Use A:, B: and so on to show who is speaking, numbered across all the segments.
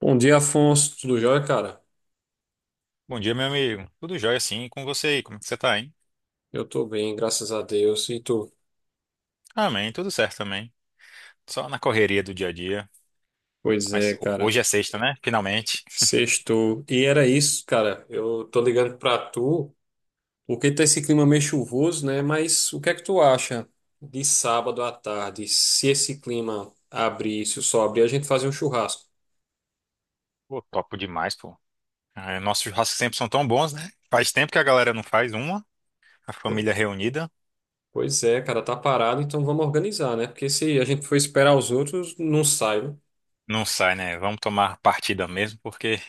A: Bom dia, Afonso. Tudo jóia, cara?
B: Bom dia, meu amigo. Tudo jóia, sim. E com você aí? Como é que você tá, hein?
A: Eu tô bem, graças a Deus. E tu?
B: Amém, tudo certo também. Só na correria do dia a dia.
A: Pois
B: Mas
A: é, cara.
B: hoje é sexta, né? Finalmente.
A: Sextou. E era isso, cara. Eu tô ligando pra tu, porque tá esse clima meio chuvoso, né? Mas o que é que tu acha de sábado à tarde, se esse clima abrir, se o sol abrir, a gente fazer um churrasco?
B: Pô, topo demais, pô. Ah, nossos churrascos sempre são tão bons, né? Faz tempo que a galera não faz uma, a
A: Po-
B: família reunida.
A: Pois é, cara, tá parado, então vamos organizar, né? Porque se a gente for esperar os outros, não sai, né?
B: Não sai, né? Vamos tomar partida mesmo, porque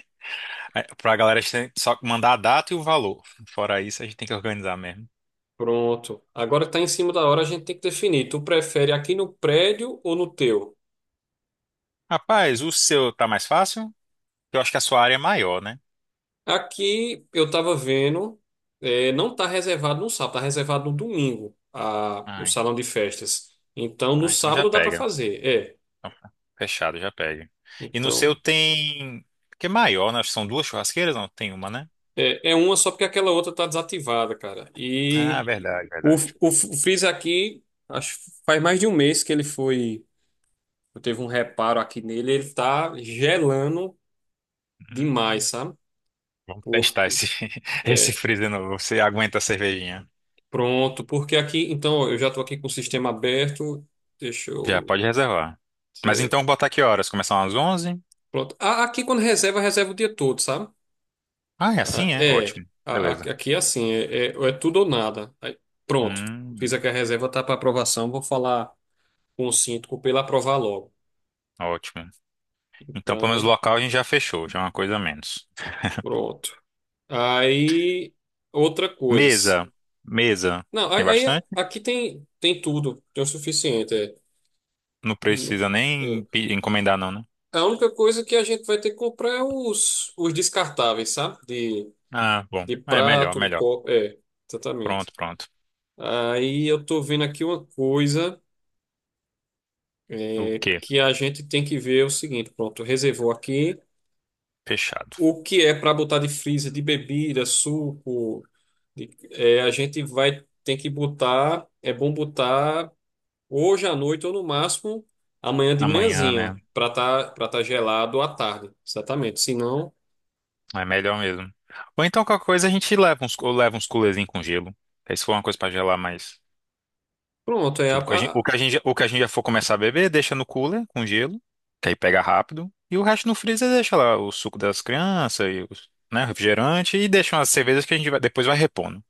B: é, pra galera a gente tem que só mandar a data e o valor. Fora isso, a gente tem que organizar mesmo.
A: Pronto. Agora tá em cima da hora, a gente tem que definir. Tu prefere aqui no prédio ou no teu?
B: Rapaz, o seu tá mais fácil? Eu acho que a sua área é maior, né?
A: Aqui eu estava vendo, não está reservado no sábado, está reservado no domingo o
B: Ai,
A: salão de festas. Então no
B: ah, então já
A: sábado dá para
B: pega.
A: fazer, é.
B: Opa, fechado, já pede. E no seu
A: Então
B: tem. Que é maior, né? São duas churrasqueiras? Não, tem uma, né?
A: é uma só porque aquela outra está desativada, cara. E
B: Ah, verdade, verdade.
A: o aqui, acho que faz mais de um mês que ele foi, eu teve um reparo aqui nele, ele tá gelando demais,
B: Hum,
A: sabe?
B: vamos testar
A: Porque,
B: esse, esse
A: é,
B: freezer novo. Você aguenta a cervejinha?
A: porque aqui, então ó, eu já estou aqui com o sistema aberto, deixa
B: Já
A: eu.
B: pode reservar. Mas então, botar que horas? Começar às 11?
A: Pronto. Aqui quando reserva, reserva o dia todo, sabe?
B: Ah, é
A: Ah,
B: assim, é?
A: é.
B: Ótimo. Beleza.
A: Aqui é assim, é tudo ou nada. Aí, pronto. Fiz
B: Hum,
A: aqui a reserva, tá para aprovação. Vou falar com o síndico para ele aprovar logo.
B: ótimo. Então, pelo menos o
A: Então,
B: local a gente já fechou, já é uma coisa a menos.
A: pronto. Aí, outra coisa.
B: Mesa. Mesa.
A: Não,
B: Tem
A: aí
B: bastante?
A: aqui tem tudo. Tem o suficiente. É.
B: Não precisa nem
A: É.
B: encomendar, não, né?
A: A única coisa que a gente vai ter que comprar é os descartáveis, sabe? De,
B: Ah, bom.
A: de
B: É melhor,
A: prato,
B: melhor.
A: copo. É, exatamente.
B: Pronto, pronto.
A: Aí eu tô vendo aqui uma coisa
B: O quê?
A: que a gente tem que ver é o seguinte, pronto, reservou aqui
B: Fechado.
A: o que é para botar de freezer de bebida, suco, a gente vai ter que botar, é bom botar hoje à noite ou no máximo amanhã de
B: Amanhã,
A: manhãzinha
B: né?
A: para tá gelado à tarde, exatamente. Se não,
B: É melhor mesmo. Ou então qualquer coisa a gente leva uns coolerzinhos com gelo. Aí se for uma coisa pra gelar mais.
A: pronto,
B: Tipo, o que a gente, o
A: a-
B: que a gente, já- o que a gente já for começar a beber, deixa no cooler com gelo, que aí pega rápido. E o resto no freezer deixa lá o suco das crianças e os, né, refrigerante e deixa umas cervejas que a gente vai, depois vai repondo.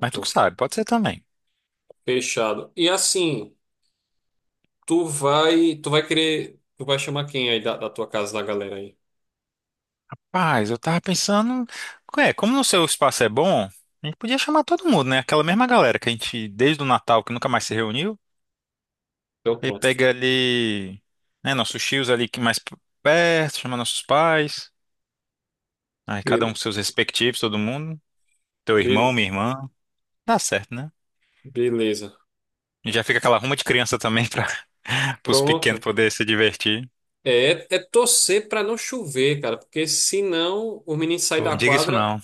B: Mas tu que sabe, pode ser também.
A: fechado. E assim, tu vai chamar quem aí da tua casa da galera aí?
B: Mas eu tava pensando, como no seu espaço é bom, a gente podia chamar todo mundo, né? Aquela mesma galera que a gente desde o Natal que nunca mais se reuniu.
A: Então
B: E
A: pronto.
B: pega ali, né, nossos tios ali que mais perto, chama nossos pais. Aí cada um com seus respectivos, todo mundo. Teu irmão,
A: Be-
B: minha irmã. Dá certo, né?
A: Beleza.
B: E já fica aquela ruma de criança também para os pequenos
A: Pronto.
B: poderem se divertir.
A: É torcer para não chover, cara, porque senão o menino sai
B: Pô,
A: da
B: não diga isso
A: quadra,
B: não.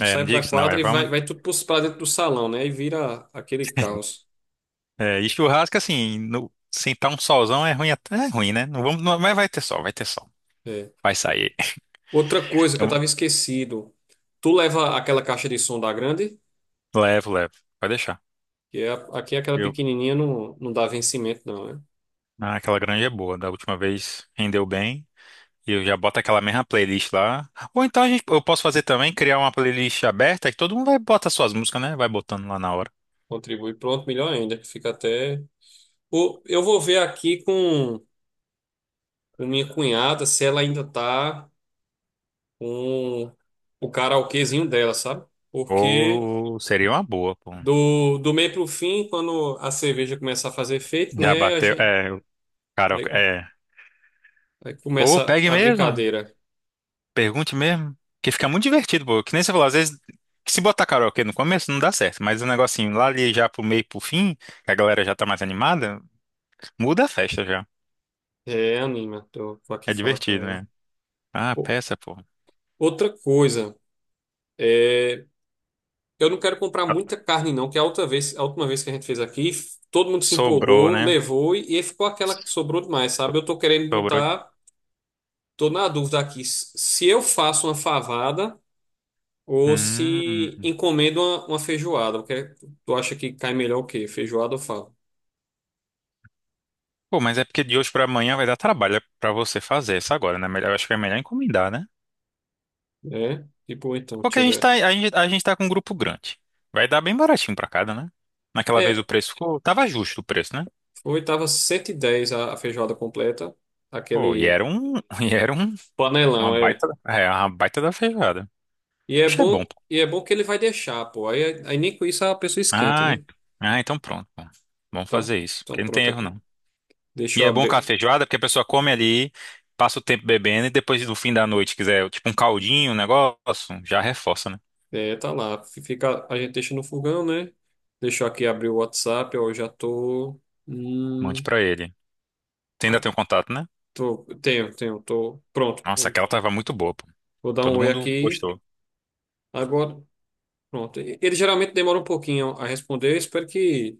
B: É, não
A: sai pra
B: diga isso não,
A: quadra
B: é,
A: e vai,
B: vamos.
A: vai tudo pra dentro do salão, né? E vira aquele caos.
B: É, e churrasco, assim, no, sentar um solzão é ruim, até, é ruim, né? Não vamos, mas vai ter sol, vai ter sol.
A: É.
B: Vai sair.
A: Outra coisa que eu
B: Então,
A: tava esquecido. Tu leva aquela caixa de som da grande,
B: levo, levo. Vai deixar.
A: que é, aqui é aquela
B: Eu,
A: pequenininha não, não dá vencimento não, né?
B: aquela granja é boa. Da última vez rendeu bem. E eu já boto aquela mesma playlist lá. Ou então eu posso fazer também, criar uma playlist aberta que todo mundo vai botar suas músicas, né? Vai botando lá na hora.
A: Contribui. Pronto, melhor ainda, que fica até... Ou eu vou ver aqui com minha cunhada se ela ainda tá... com o karaokezinho dela, sabe? Porque
B: Ou seria uma boa, pô.
A: do meio pro fim, quando a cerveja começa a fazer efeito,
B: Já
A: né? A
B: bateu.
A: gente,
B: É, o cara,
A: aí,
B: é.
A: aí
B: Pô,
A: começa
B: pegue
A: a
B: mesmo.
A: brincadeira.
B: Pergunte mesmo. Que fica muito divertido, pô. Que nem você falou, às vezes, se botar karaokê no começo não dá certo, mas o negocinho lá ali já pro meio, pro fim, que a galera já tá mais animada, muda a festa já.
A: É, anima, tô, vou aqui
B: É
A: falar com
B: divertido,
A: ela.
B: né? Ah,
A: O-
B: peça, pô.
A: Outra coisa, é, eu não quero comprar muita carne, não, que a outra vez, a última vez que a gente fez aqui, todo mundo se
B: Sobrou,
A: empolgou,
B: né?
A: levou e ficou aquela que sobrou demais, sabe? Eu tô querendo
B: Sobrou de.
A: botar, tô na dúvida aqui, se eu faço uma favada. Ou
B: Hum.
A: se encomenda uma feijoada. Tu acha que cai melhor o quê? Feijoada ou fava?
B: Pô, mas é porque de hoje pra amanhã vai dar trabalho é pra você fazer isso agora, né? Eu acho que é melhor encomendar, né?
A: É? Tipo, então,
B: Porque
A: deixa eu ver.
B: a gente tá com um grupo grande. Vai dar bem baratinho pra cada, né? Naquela vez o
A: É,
B: preço ficou, tava justo o preço, né?
A: foi, tava 110 a feijoada completa.
B: Pô, e
A: Aquele
B: era um, e era um,
A: panelão, é.
B: uma baita da feijoada.
A: E é
B: Acho que é bom,
A: bom,
B: pô.
A: e é bom que ele vai deixar, pô. Aí, aí nem com isso a pessoa esquenta,
B: Ah,
A: né?
B: ent- então pronto, pô. Vamos
A: Então,
B: fazer isso,
A: então
B: porque não tem
A: pronto
B: erro
A: aqui.
B: não.
A: Deixa
B: E
A: eu
B: é bom com a
A: abrir.
B: feijoada, porque a pessoa come ali, passa o tempo bebendo e depois no fim da noite quiser, tipo um caldinho, um negócio, já reforça, né?
A: É, tá lá. Fica, a gente deixa no fogão, né? Deixa eu aqui abrir o WhatsApp, ó, eu já tô.
B: Mande
A: Hum,
B: pra ele. Você ainda
A: ah,
B: tem o contato, né?
A: tô, tenho, tô pronto.
B: Nossa, aquela tava muito boa, pô.
A: Vou dar um
B: Todo
A: oi
B: mundo
A: aqui.
B: gostou.
A: Agora, pronto. Ele geralmente demora um pouquinho a responder. Eu espero que.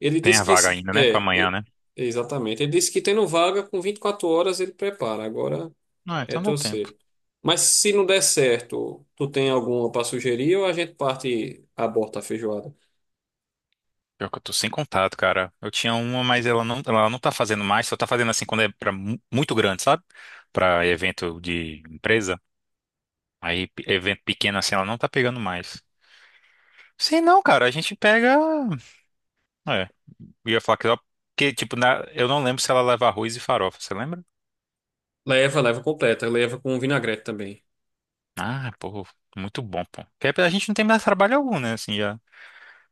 A: Ele
B: Tem a
A: disse que.
B: vaga ainda, né? Pra amanhã, né?
A: Exatamente. Ele disse que tendo vaga, com 24 horas ele prepara. Agora
B: Ah,
A: é
B: então dá tempo.
A: torcer. Mas se não der certo, tu tem alguma para sugerir ou a gente parte, e aborta a feijoada?
B: Pior que eu tô sem contato, cara. Eu tinha uma, mas ela não tá fazendo mais, só tá fazendo assim quando é pra muito grande, sabe? Pra evento de empresa. Aí, evento pequeno assim, ela não tá pegando mais. Sim, não, cara, a gente pega. É, eu ia falar que só. Porque, tipo, eu não lembro se ela leva arroz e farofa, você lembra?
A: Leva, leva completa. Leva com vinagrete também.
B: Ah, pô, muito bom, pô. Porque a gente não tem mais trabalho algum, né? Assim, já.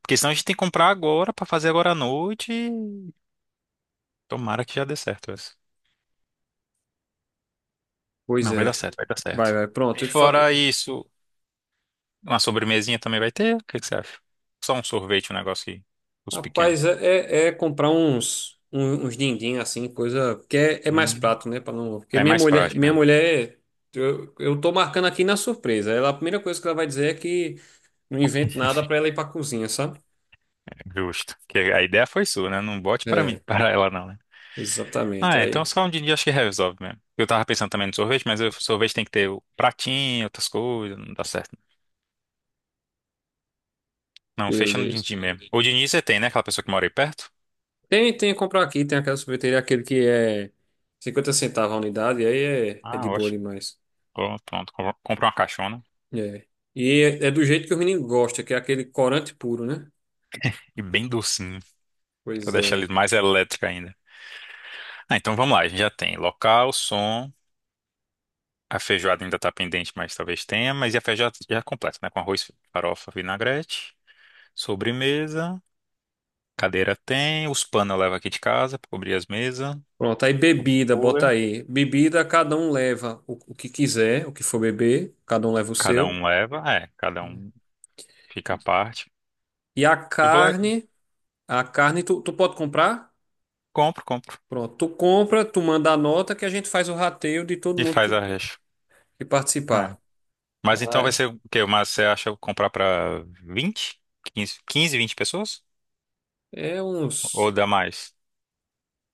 B: Porque senão a gente tem que comprar agora pra fazer agora à noite, e tomara que já dê certo essa.
A: Pois
B: Não, vai
A: é.
B: dar certo, vai dar
A: Vai,
B: certo.
A: vai. Pronto.
B: E fora isso, uma sobremesinha também vai ter? O que que você acha? Só um sorvete, um negócio que os pequenos.
A: Rapaz, é comprar uns din-din, assim, coisa, que é mais
B: Hum,
A: prato, né? Para não, porque
B: é
A: minha
B: mais
A: mulher,
B: prático,
A: minha
B: né?
A: mulher, eu tô marcando aqui na surpresa. Ela, a primeira coisa que ela vai dizer é que não invento nada para ela ir pra cozinha, sabe?
B: Justo. Porque a ideia foi sua, né? Não bote pra mim,
A: É,
B: para ela não, né?
A: exatamente.
B: Então
A: Aí,
B: só um dia acho que resolve mesmo. Eu tava pensando também no sorvete, mas o sorvete tem que ter o pratinho, outras coisas, não dá certo. Não, fecha no din-din
A: beleza.
B: mesmo. O din-din você tem, né? Aquela pessoa que mora aí perto?
A: Tem que comprar aqui, tem aquela sorveteria, aquele que é 50 centavos a unidade, aí é de
B: Ah,
A: boa
B: ótimo.
A: demais.
B: Pronto, pronto. Compra uma caixona.
A: É. E é do jeito que o menino gosta, que é aquele corante puro, né?
B: E bem docinho, pra
A: Pois
B: deixar ele
A: é.
B: mais elétrico ainda. Ah, então vamos lá, a gente já tem local, som, a feijoada ainda tá pendente, mas talvez tenha, mas e a feijoada já é completa, né? Com arroz, farofa, vinagrete, sobremesa, cadeira tem, os panos eu levo aqui de casa pra cobrir as mesas,
A: Pronto, aí
B: o
A: bebida,
B: cooler,
A: bota aí. Bebida, cada um leva o que quiser, o que for beber, cada um leva o
B: cada
A: seu.
B: um leva, é, cada um fica à parte.
A: E a
B: Eu vou lá, e
A: carne, a carne tu pode comprar?
B: compro
A: Pronto, tu compra, tu manda a nota que a gente faz o rateio de todo
B: e
A: mundo
B: faz a
A: que,
B: recha.
A: que
B: É.
A: participar.
B: Mas então vai
A: Ai,
B: ser o quê? Mas você acha comprar pra 20 15 15 20 pessoas?
A: é
B: Ou
A: uns,
B: dá mais?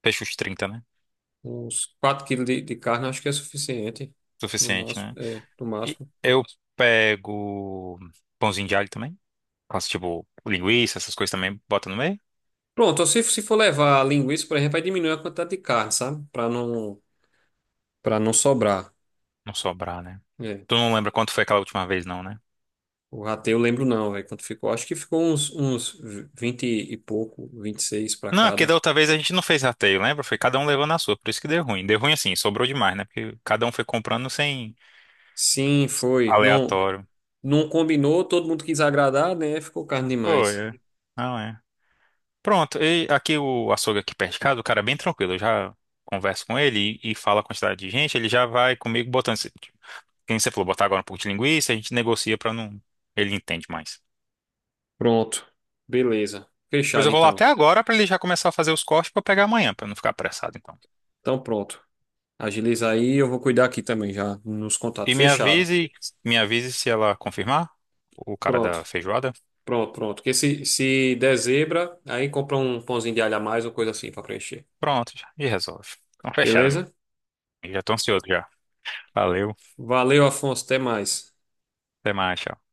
B: Fecha os 30, né?
A: uns 4 quilos de carne, acho que é suficiente. No
B: Suficiente, né?
A: máximo, no
B: E
A: máximo.
B: eu pego pãozinho de alho também. Faço tipo linguiça, essas coisas também, bota no meio.
A: Pronto, se for levar linguiça, por exemplo, aí diminui a quantidade de carne, sabe? Para não sobrar.
B: Não sobrar, né?
A: É.
B: Tu não lembra quanto foi aquela última vez, não, né?
A: O rateio eu lembro não, velho, quanto ficou. Acho que ficou uns 20 e pouco, 26 para
B: Não, é porque da
A: cada.
B: outra vez a gente não fez rateio, lembra? Foi cada um levando a sua, por isso que deu ruim. Deu ruim assim, sobrou demais, né? Porque cada um foi comprando sem
A: Sim, foi. Não,
B: aleatório.
A: não combinou, todo mundo quis agradar, né? Ficou carne
B: Foi,
A: demais.
B: é. Não é. Pronto, e aqui o açougue aqui perto de casa, o cara é bem tranquilo. Eu já converso com ele e falo a quantidade de gente, ele já vai comigo botando. Quem você falou, botar agora um pouco de linguiça, a gente negocia pra não. Ele entende mais.
A: Pronto. Beleza.
B: Mas
A: Fechado
B: eu vou lá até
A: então.
B: agora pra ele já começar a fazer os cortes pra eu pegar amanhã, pra eu não ficar apressado, então.
A: Então pronto. Agiliza aí, eu vou cuidar aqui também já nos
B: E
A: contatos. Fechado.
B: me avise se ela confirmar o cara
A: Pronto.
B: da feijoada.
A: Pronto, pronto. Porque se der zebra, aí compra um pãozinho de alho a mais ou coisa assim para preencher.
B: Pronto, já, e resolve. Então, fechado, amigo.
A: Beleza?
B: Já tô ansioso já. Valeu,
A: Valeu, Afonso. Até mais.
B: até mais. Tchau.